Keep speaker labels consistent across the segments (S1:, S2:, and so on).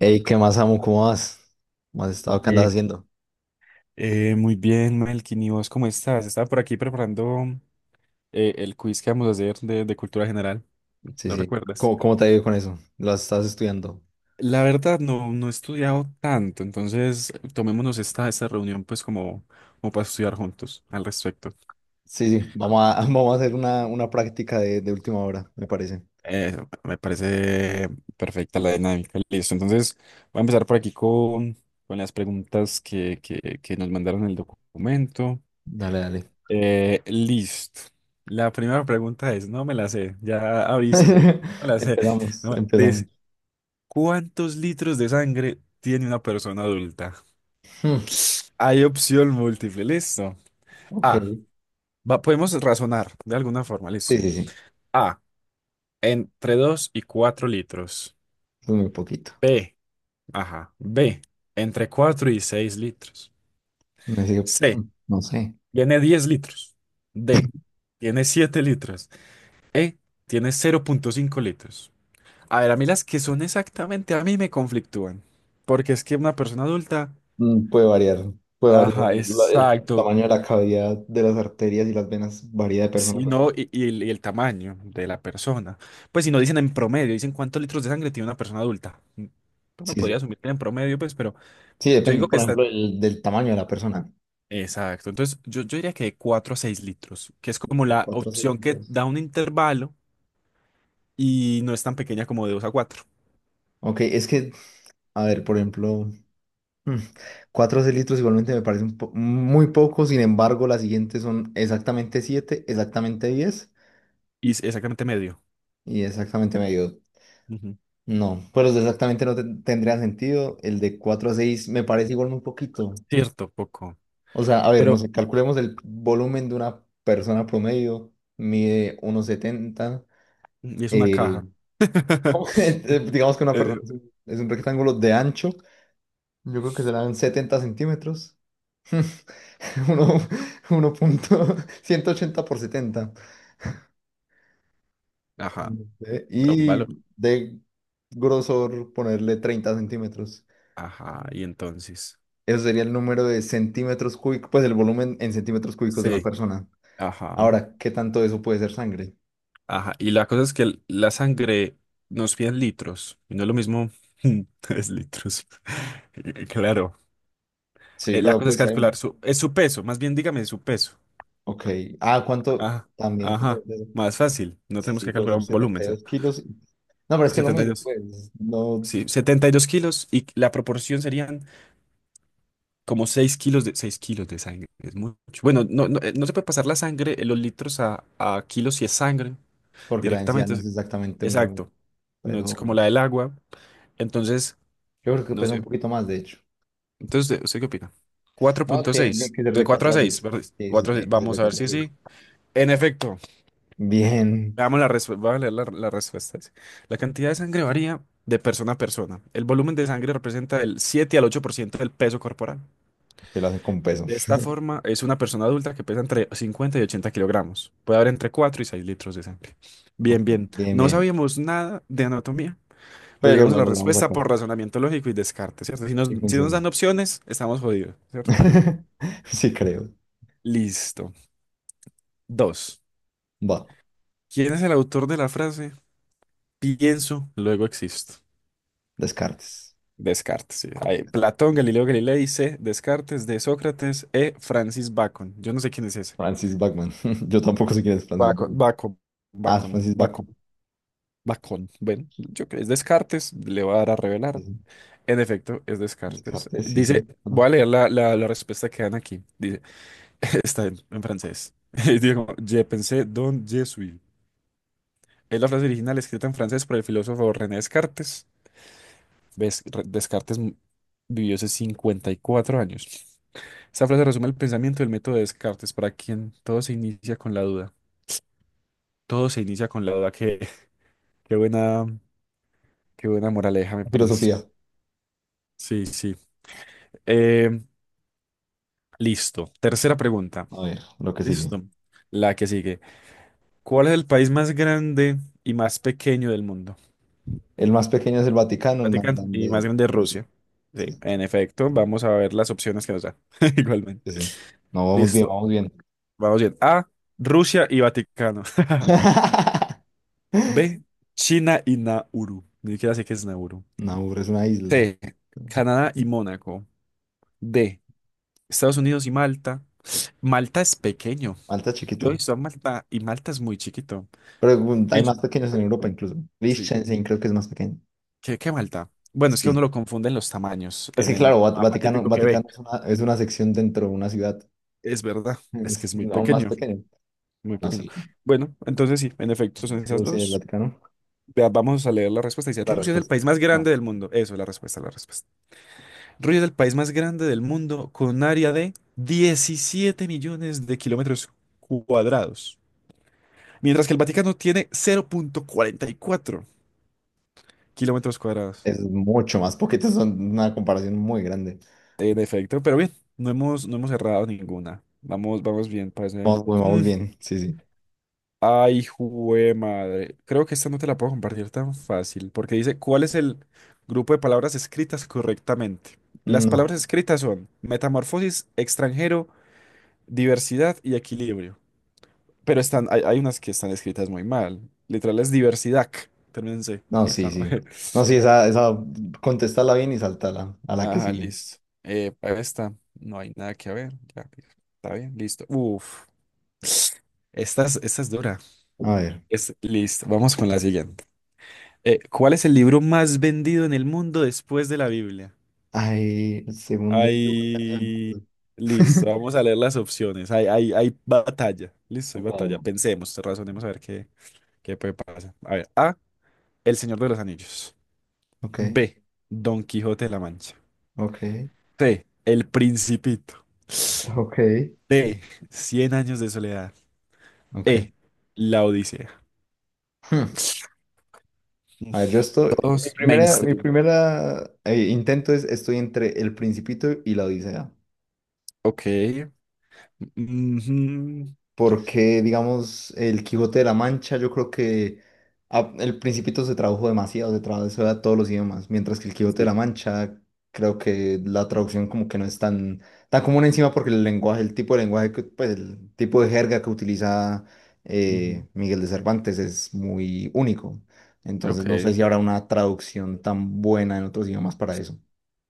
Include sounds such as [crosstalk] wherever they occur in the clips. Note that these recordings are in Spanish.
S1: Ey, ¿qué más, amo? ¿Cómo vas? ¿Cómo has estado? ¿Qué andas
S2: Eh,
S1: haciendo?
S2: Muy bien, Melkin, ¿y vos cómo estás? Estaba por aquí preparando el quiz que vamos a hacer de cultura general.
S1: Sí,
S2: ¿Lo
S1: sí.
S2: recuerdas?
S1: ¿Cómo te ha ido con eso? ¿Lo estás estudiando?
S2: La verdad, no he estudiado tanto, entonces tomémonos esta reunión, pues, como para estudiar juntos al respecto.
S1: Sí, sí. [laughs] Vamos a hacer una práctica de última hora, me parece.
S2: Eh, Me parece perfecta la dinámica. Listo, entonces voy a empezar por aquí con las preguntas que nos mandaron en el documento.
S1: Dale, dale.
S2: Listo. La primera pregunta es, no me la sé, ya aviso, no me
S1: [laughs]
S2: la sé. [laughs]
S1: Empezamos,
S2: No,
S1: empezamos.
S2: ¿cuántos litros de sangre tiene una persona adulta?
S1: Hmm,
S2: Hay opción múltiple, listo.
S1: ok.
S2: A, podemos razonar de alguna forma,
S1: Sí,
S2: listo.
S1: sí, sí.
S2: A, entre 2 y 4 litros.
S1: Es muy poquito.
S2: B, ajá, B, entre 4 y 6 litros.
S1: Me sigue,
S2: C,
S1: no sé.
S2: tiene 10 litros. D, tiene 7 litros. E, tiene 0,5 litros. A ver, a mí las que son exactamente a mí me conflictúan. Porque es que una persona adulta,
S1: Puede variar. Puede variar.
S2: ajá,
S1: La- el
S2: exacto.
S1: tamaño de la cavidad de las arterias y las venas varía de persona a
S2: Si no,
S1: persona.
S2: y el tamaño de la persona. Pues si no dicen en promedio, dicen cuántos litros de sangre tiene una persona adulta. Uno
S1: Sí, sí.
S2: podría asumir que en promedio, pues, pero
S1: Sí,
S2: yo
S1: depende,
S2: digo que
S1: por
S2: está.
S1: ejemplo, del tamaño de la persona.
S2: Exacto. Entonces, yo diría que de 4 a 6 litros, que es como
S1: De
S2: la
S1: cuatro
S2: opción que
S1: segundos.
S2: da un intervalo y no es tan pequeña como de 2 a 4.
S1: Ok, es que, a ver, por ejemplo, mm, cuatro litros igualmente me parecen po- muy poco, sin embargo, las siguientes son exactamente siete, exactamente diez
S2: Y es exactamente medio.
S1: y exactamente medio.
S2: Ujú.
S1: No, pues los de exactamente no ten- tendría sentido, el de cuatro a seis me parece igual muy poquito.
S2: Cierto, poco.
S1: O sea, a ver, no
S2: Pero,
S1: sé, calculemos el volumen de una persona promedio, mide 1,70,
S2: y es una
S1: eh,
S2: caja. [laughs]
S1: [laughs] digamos que una persona
S2: Eh,
S1: es es un rectángulo de ancho, yo creo que serán 70 centímetros. [laughs] uno- uno punto ciento ochenta por 70
S2: Ajá,
S1: eh,
S2: da un
S1: Y
S2: valor.
S1: de grosor ponerle treinta centímetros.
S2: Ajá, y entonces.
S1: Eso sería el número de centímetros cúbicos, pues el volumen en centímetros cúbicos de una
S2: Sí.
S1: persona.
S2: Ajá,
S1: Ahora, ¿qué tanto de eso puede ser sangre?
S2: ajá. Y la cosa es que la sangre nos piden litros, y no es lo mismo [laughs] tres litros. [laughs] Claro.
S1: Sí,
S2: La
S1: pero
S2: cosa es
S1: pues,
S2: calcular es su peso, más bien dígame su peso.
S1: ok. Ah, ¿cuánto?
S2: Ajá,
S1: También, ¿cuánto
S2: ajá.
S1: debe ser?
S2: Más fácil, no
S1: Sí,
S2: tenemos
S1: sí,
S2: que
S1: puede
S2: calcular
S1: ser
S2: un volumen,
S1: setenta y
S2: ¿cierto?
S1: dos kilos. No, pero es que lo
S2: Setenta y
S1: mismo,
S2: dos.
S1: pues, no,
S2: Sí, 72 kilos y la proporción serían como seis kilos de sangre. Es mucho. Bueno, no se puede pasar la sangre, los litros a kilos si es sangre.
S1: porque la densidad
S2: Directamente.
S1: no es exactamente un gramo,
S2: Exacto. No es como
S1: pero
S2: la del agua. Entonces,
S1: yo creo que
S2: no
S1: pesa un
S2: sé.
S1: poquito más, de hecho.
S2: Entonces, ¿usted qué opina? Cuatro
S1: No,
S2: punto
S1: tiene
S2: 6
S1: que ser
S2: De
S1: de
S2: 4 a
S1: 4 a
S2: seis,
S1: seis.
S2: perdón.
S1: Sí, sí,
S2: 4 a 6.
S1: tiene que ser
S2: Vamos
S1: de
S2: a ver
S1: cuatro a
S2: si
S1: seis.
S2: sí. En efecto.
S1: Bien,
S2: Veamos la respuesta. Voy a leer la respuesta. Dice, la cantidad de sangre varía de persona a persona. El volumen de sangre representa el 7 al 8% del peso corporal.
S1: que lo hace con peso.
S2: De esta forma, es una persona adulta que pesa entre 50 y 80 kilogramos. Puede haber entre 4 y 6 litros de sangre.
S1: Ok,
S2: Bien, bien.
S1: bien,
S2: No
S1: bien.
S2: sabíamos nada de anatomía. Pero
S1: Pero
S2: llegamos a
S1: lo
S2: la
S1: logramos
S2: respuesta
S1: acá.
S2: por razonamiento lógico y descarte, ¿cierto? Si nos,
S1: Y
S2: si nos
S1: funciona.
S2: dan opciones, estamos jodidos, ¿cierto?
S1: [laughs] Sí, creo.
S2: Listo. Dos.
S1: Va,
S2: ¿Quién es el autor de la frase? Pienso, luego existo.
S1: Descartes.
S2: Descartes, sí. Ahí, Platón, Galileo Galilei, C. Descartes, D. Sócrates, E. Francis Bacon. Yo no sé quién es ese.
S1: Francis Bachman. [laughs] Yo tampoco sé quién es Francis
S2: Bacon,
S1: Bachman.
S2: Bacon,
S1: Ah, es
S2: Bacon,
S1: Francis Bacon.
S2: Bacon, Bacon. Bueno, yo creo que es Descartes, le voy a dar a
S1: Sí,
S2: revelar.
S1: sí.
S2: En efecto, es Descartes.
S1: Descartes, sí,
S2: Dice,
S1: sí.
S2: voy a
S1: Bueno,
S2: leer la respuesta que dan aquí. Dice. [laughs] Está en francés. [laughs] Digo, como, je pensé donc je suis. Es la frase original escrita en francés por el filósofo René Descartes. Descartes vivió hace 54 años. Esta frase resume el pensamiento del método de Descartes, para quien todo se inicia con la duda. Todo se inicia con la duda. Qué buena, qué buena moraleja, me parece.
S1: filosofía.
S2: Sí, sí. Eh, Listo. Tercera pregunta.
S1: A ver, lo que sigue.
S2: Listo. La que sigue. ¿Cuál es el país más grande y más pequeño del mundo?
S1: El más pequeño es el Vaticano, el más
S2: Vaticano y más
S1: grande
S2: grande
S1: Rusia.
S2: Rusia. Sí,
S1: Sí,
S2: en efecto, vamos a ver las opciones que nos dan. [laughs]
S1: sí,
S2: Igualmente.
S1: sí. No, vamos bien,
S2: Listo.
S1: vamos bien.
S2: Vamos bien. A, Rusia y Vaticano. [laughs]
S1: [laughs]
S2: B, China y Nauru. Ni siquiera sé qué es Nauru.
S1: Nauru es una isla.
S2: C, Canadá y Mónaco. D, Estados Unidos y Malta. Malta es pequeño.
S1: Malta es
S2: Yo he
S1: chiquito.
S2: visto a Malta y Malta es muy chiquito.
S1: Pero hay
S2: Y-
S1: más pequeños en Europa incluso.
S2: Sí.
S1: Liechtenstein creo que es más pequeño.
S2: ¿Qué Malta? Bueno, es que uno
S1: Sí.
S2: lo confunde en los tamaños,
S1: Pues
S2: en
S1: que
S2: el
S1: claro,
S2: mapa
S1: Vaticano,
S2: típico que ve.
S1: Vaticano es una sección dentro de una ciudad. [laughs]
S2: Es verdad, es que
S1: Es
S2: es muy
S1: aún más
S2: pequeño.
S1: pequeño.
S2: Muy
S1: No,
S2: pequeño.
S1: sí.
S2: Bueno, entonces sí, en efecto, son esas
S1: Rusia y el
S2: dos.
S1: Vaticano.
S2: Vea, vamos a leer la respuesta. Dice,
S1: La
S2: Rusia es el
S1: respuesta.
S2: país más grande
S1: No.
S2: del mundo. Eso es la respuesta, la respuesta. Rusia es el país más grande del mundo con un área de 17 millones de kilómetros cuadrados. Mientras que el Vaticano tiene 0,44 kilómetros cuadrados.
S1: Es mucho más poquito. Son una comparación muy grande.
S2: En efecto, pero bien, no hemos errado ninguna. Vamos bien, parece.
S1: Vamos, pues, vamos
S2: [laughs]
S1: bien. Sí, sí.
S2: Ay, jue madre. Creo que esta no te la puedo compartir tan fácil, porque dice, ¿cuál es el grupo de palabras escritas correctamente? Las palabras
S1: No.
S2: escritas son metamorfosis, extranjero, diversidad y equilibrio. Pero hay unas que están escritas muy mal. Literal es diversidad. Termínense.
S1: No, sí,
S2: Esa no.
S1: sí. No, sí,
S2: [laughs]
S1: contestala bien y saltala a la que
S2: Ajá,
S1: sigue.
S2: listo. Para esta no hay nada que ver. Ya, está bien, listo. Uf, esta es dura.
S1: A ver.
S2: Es listo. Vamos con la siguiente. ¿Cuál es el libro más vendido en el mundo después de la Biblia?
S1: Ay, el segundo.
S2: Ahí, listo,
S1: [laughs]
S2: vamos a leer las opciones. Hay batalla, listo, hay batalla.
S1: Wow.
S2: Pensemos, razonemos a ver qué puede pasar. A ver, A, El Señor de los Anillos.
S1: Ok,
S2: B, Don Quijote de la Mancha.
S1: ok.
S2: C, El Principito.
S1: Ok,
S2: D, Cien años de soledad.
S1: ok.
S2: E, La Odisea.
S1: Hmm. A ver, yo estoy. Mi
S2: Todos
S1: primera, mi
S2: mainstream.
S1: primera intento es: estoy entre El Principito y La Odisea.
S2: Ok. Ujú.
S1: Porque, digamos, el Quijote de la Mancha, yo creo que el Principito se tradujo demasiado, se tradujo a todos los idiomas, mientras que el Quijote de
S2: Sí.
S1: la Mancha, creo que la traducción como que no es tan, tan común encima porque el lenguaje, el tipo de lenguaje, pues el tipo de jerga que utiliza
S2: Ujú.
S1: Miguel de Cervantes es muy único. Entonces no sé
S2: Ok.
S1: si habrá una traducción tan buena en otros idiomas para eso.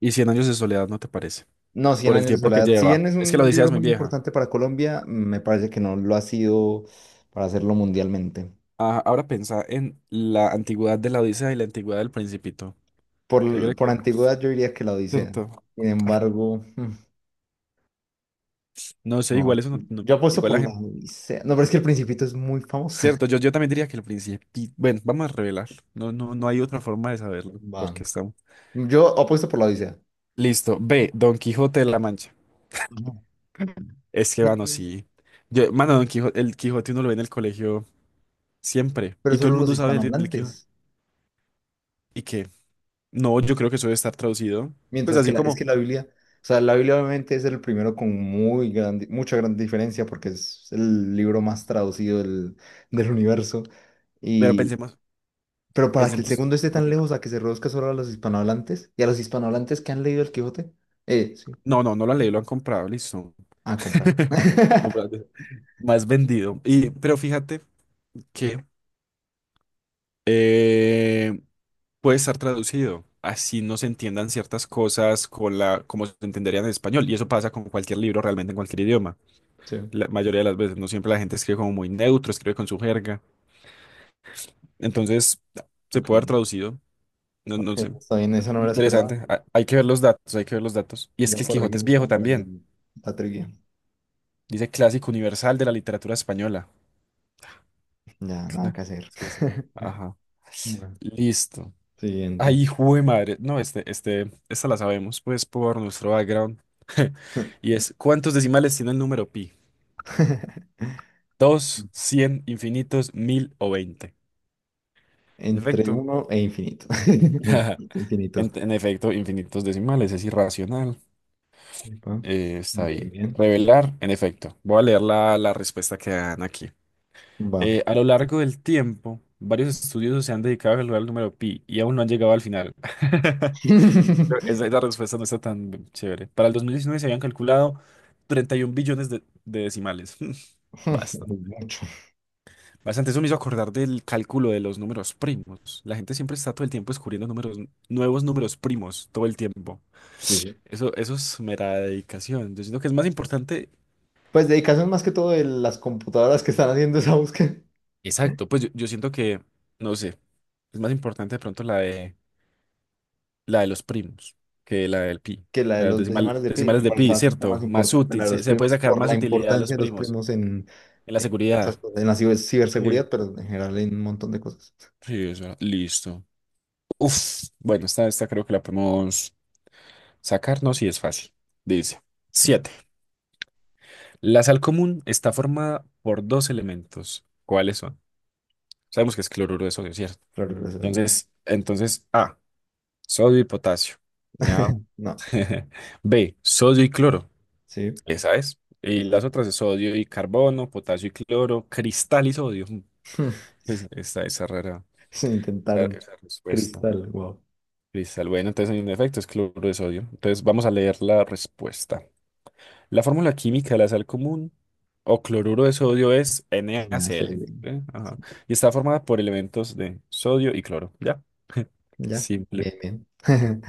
S2: Y Cien años de soledad, ¿no te parece?
S1: No, Cien
S2: Por el
S1: años de
S2: tiempo que
S1: soledad. Si
S2: lleva.
S1: bien es
S2: Es que la
S1: un
S2: Odisea es
S1: libro
S2: muy
S1: muy
S2: vieja.
S1: importante para Colombia, me parece que no lo ha sido para hacerlo mundialmente.
S2: Ah, ahora piensa en la antigüedad de la Odisea y la antigüedad del Principito. ¿Se
S1: Por,
S2: cree que?
S1: por antigüedad yo diría que la Odisea.
S2: Cierto.
S1: Sin embargo, mm,
S2: No sé,
S1: no.
S2: igual eso no,
S1: Yo apuesto
S2: igual
S1: por
S2: la
S1: la
S2: gente.
S1: Odisea. No, pero es que El Principito es muy famoso.
S2: Cierto, yo también diría que el Principito. Bueno, vamos a revelar. No, no, no hay otra forma de saberlo.
S1: [laughs] Va.
S2: Porque estamos.
S1: Yo apuesto por la Odisea.
S2: Listo. B. Don Quijote de la Mancha.
S1: Ajá.
S2: Es que, mano,
S1: Yay.
S2: sí. Yo, mano, el Quijote uno lo ve en el colegio siempre.
S1: Pero
S2: Y todo el
S1: solo los
S2: mundo sabe del Quijote.
S1: hispanohablantes.
S2: ¿Y qué? No, yo creo que eso debe estar traducido. Pues
S1: Mientras que
S2: así
S1: la, es
S2: como.
S1: que la Biblia, o sea, la Biblia obviamente es el primero con muy grande, mucha gran diferencia porque es el libro más traducido del universo.
S2: Pero
S1: Y,
S2: pensemos,
S1: pero para que el
S2: pensemos.
S1: segundo esté
S2: Ok.
S1: tan lejos a que se reduzca solo a los hispanohablantes y a los hispanohablantes que han leído el Quijote, eh, sí,
S2: No, no, no lo han leído, lo han comprado, listo.
S1: ah, comprado.
S2: [laughs]
S1: [laughs]
S2: Comprado. Más vendido. Pero fíjate que eh, puede estar traducido. Así no se entiendan ciertas cosas con la, como se entenderían en español. Y eso pasa con cualquier libro, realmente en cualquier idioma.
S1: Sí,
S2: La mayoría de las veces, no siempre la gente escribe como muy neutro, escribe con su jerga. Entonces, se
S1: ok.
S2: puede haber traducido. No, no
S1: Ok,
S2: sé.
S1: está bien, esa no me la esperaba.
S2: Interesante. Hay que ver los datos, hay que ver los datos. Y es
S1: Ya
S2: que el Quijote es
S1: corregimos
S2: viejo
S1: una para
S2: también.
S1: la trivia.
S2: Dice clásico universal de la literatura española.
S1: Ya, nada
S2: Cla-
S1: que hacer.
S2: Es que sí. Ajá.
S1: [laughs] Bueno,
S2: Listo.
S1: siguiente.
S2: Ay, jue madre. No, esta la sabemos, pues, por nuestro background. [laughs] Y es, ¿cuántos decimales tiene el número pi?
S1: [laughs]
S2: ¿Dos, cien, infinitos, mil o veinte?
S1: Entre
S2: Perfecto.
S1: uno e infinito. [laughs]
S2: [laughs]
S1: Infinito,
S2: En,
S1: infinito.
S2: en efecto, infinitos decimales, es irracional.
S1: Epa.
S2: Está
S1: Bien,
S2: bien.
S1: bien.
S2: Revelar, en efecto. Voy a leer la respuesta que dan aquí.
S1: Va.
S2: A lo largo del tiempo, varios estudiosos se han dedicado a calcular el número pi y aún no han llegado al final. [laughs] Esa,
S1: [laughs]
S2: esa respuesta no está tan chévere. Para el 2019 se habían calculado 31 billones de decimales. [laughs] Bastante.
S1: Mucho.
S2: Bastante. Eso me hizo acordar del cálculo de los números primos. La gente siempre está todo el tiempo descubriendo números, nuevos números primos, todo el tiempo.
S1: Sí, sí.
S2: Eso es mera dedicación. Yo siento que es más importante.
S1: Pues dedicación más que todo de las computadoras que están haciendo esa búsqueda
S2: Exacto, pues yo siento que, no sé, es más importante de pronto la de los primos, que la del pi.
S1: que la de
S2: Las
S1: los decimales de pi.
S2: decimales
S1: Me
S2: de
S1: parece
S2: pi,
S1: bastante
S2: ¿cierto?
S1: más
S2: Más
S1: importante la
S2: útil,
S1: de
S2: se,
S1: los
S2: se puede
S1: primos
S2: sacar
S1: por
S2: más
S1: la
S2: utilidad a los
S1: importancia de los
S2: primos
S1: primos
S2: en la
S1: en
S2: seguridad.
S1: muchas cosas, en la ciberseguridad,
S2: Sí,
S1: pero en general en un montón de cosas.
S2: sí, esa. Listo. Uf, bueno, esta creo que la podemos sacarnos y es fácil. Dice.
S1: Sí,
S2: Siete. La sal común está formada por dos elementos. ¿Cuáles son? Sabemos que es cloruro de sodio, ¿cierto?
S1: claro, gracias a Dios.
S2: Entonces A, sodio y potasio. ¿No?
S1: No,
S2: [laughs] B, sodio y cloro.
S1: sí.
S2: Esa es. Y
S1: ¿Verdad?
S2: las otras es sodio y carbono, potasio y cloro, cristal y sodio. [laughs]
S1: [laughs]
S2: Esa rara,
S1: Se
S2: esa,
S1: intentaron.
S2: esa respuesta.
S1: Cristal, wow.
S2: Cristal. Bueno, entonces en efecto es cloro de sodio. Entonces vamos a leer la respuesta. La fórmula química de la sal común o cloruro de sodio es
S1: Pues me hace.
S2: NaCl. ¿Eh? Ajá. Y está formada por elementos de sodio y cloro. ¿Ya? [laughs]
S1: Ya,
S2: Simple.
S1: bien, bien. [laughs]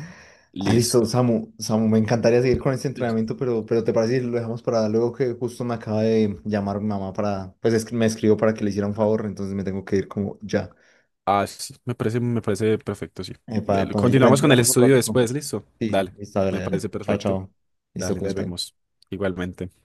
S1: Ah, listo,
S2: Listo.
S1: Samu, Samu, me encantaría seguir con este
S2: Sí.
S1: entrenamiento, pero ¿te parece si lo dejamos para luego que justo me acaba de llamar mi mamá para, pues es que me escribió para que le hiciera un favor, entonces me tengo que ir como ya.
S2: Ah, sí, me parece perfecto, sí.
S1: Para, igual
S2: Continuamos con el
S1: entrenamos un
S2: estudio
S1: ratico.
S2: después, listo.
S1: Sí,
S2: Dale,
S1: listo, dale,
S2: me
S1: dale.
S2: parece
S1: Chao,
S2: perfecto.
S1: chao. Listo,
S2: Dale, nos
S1: cuídate.
S2: vemos igualmente.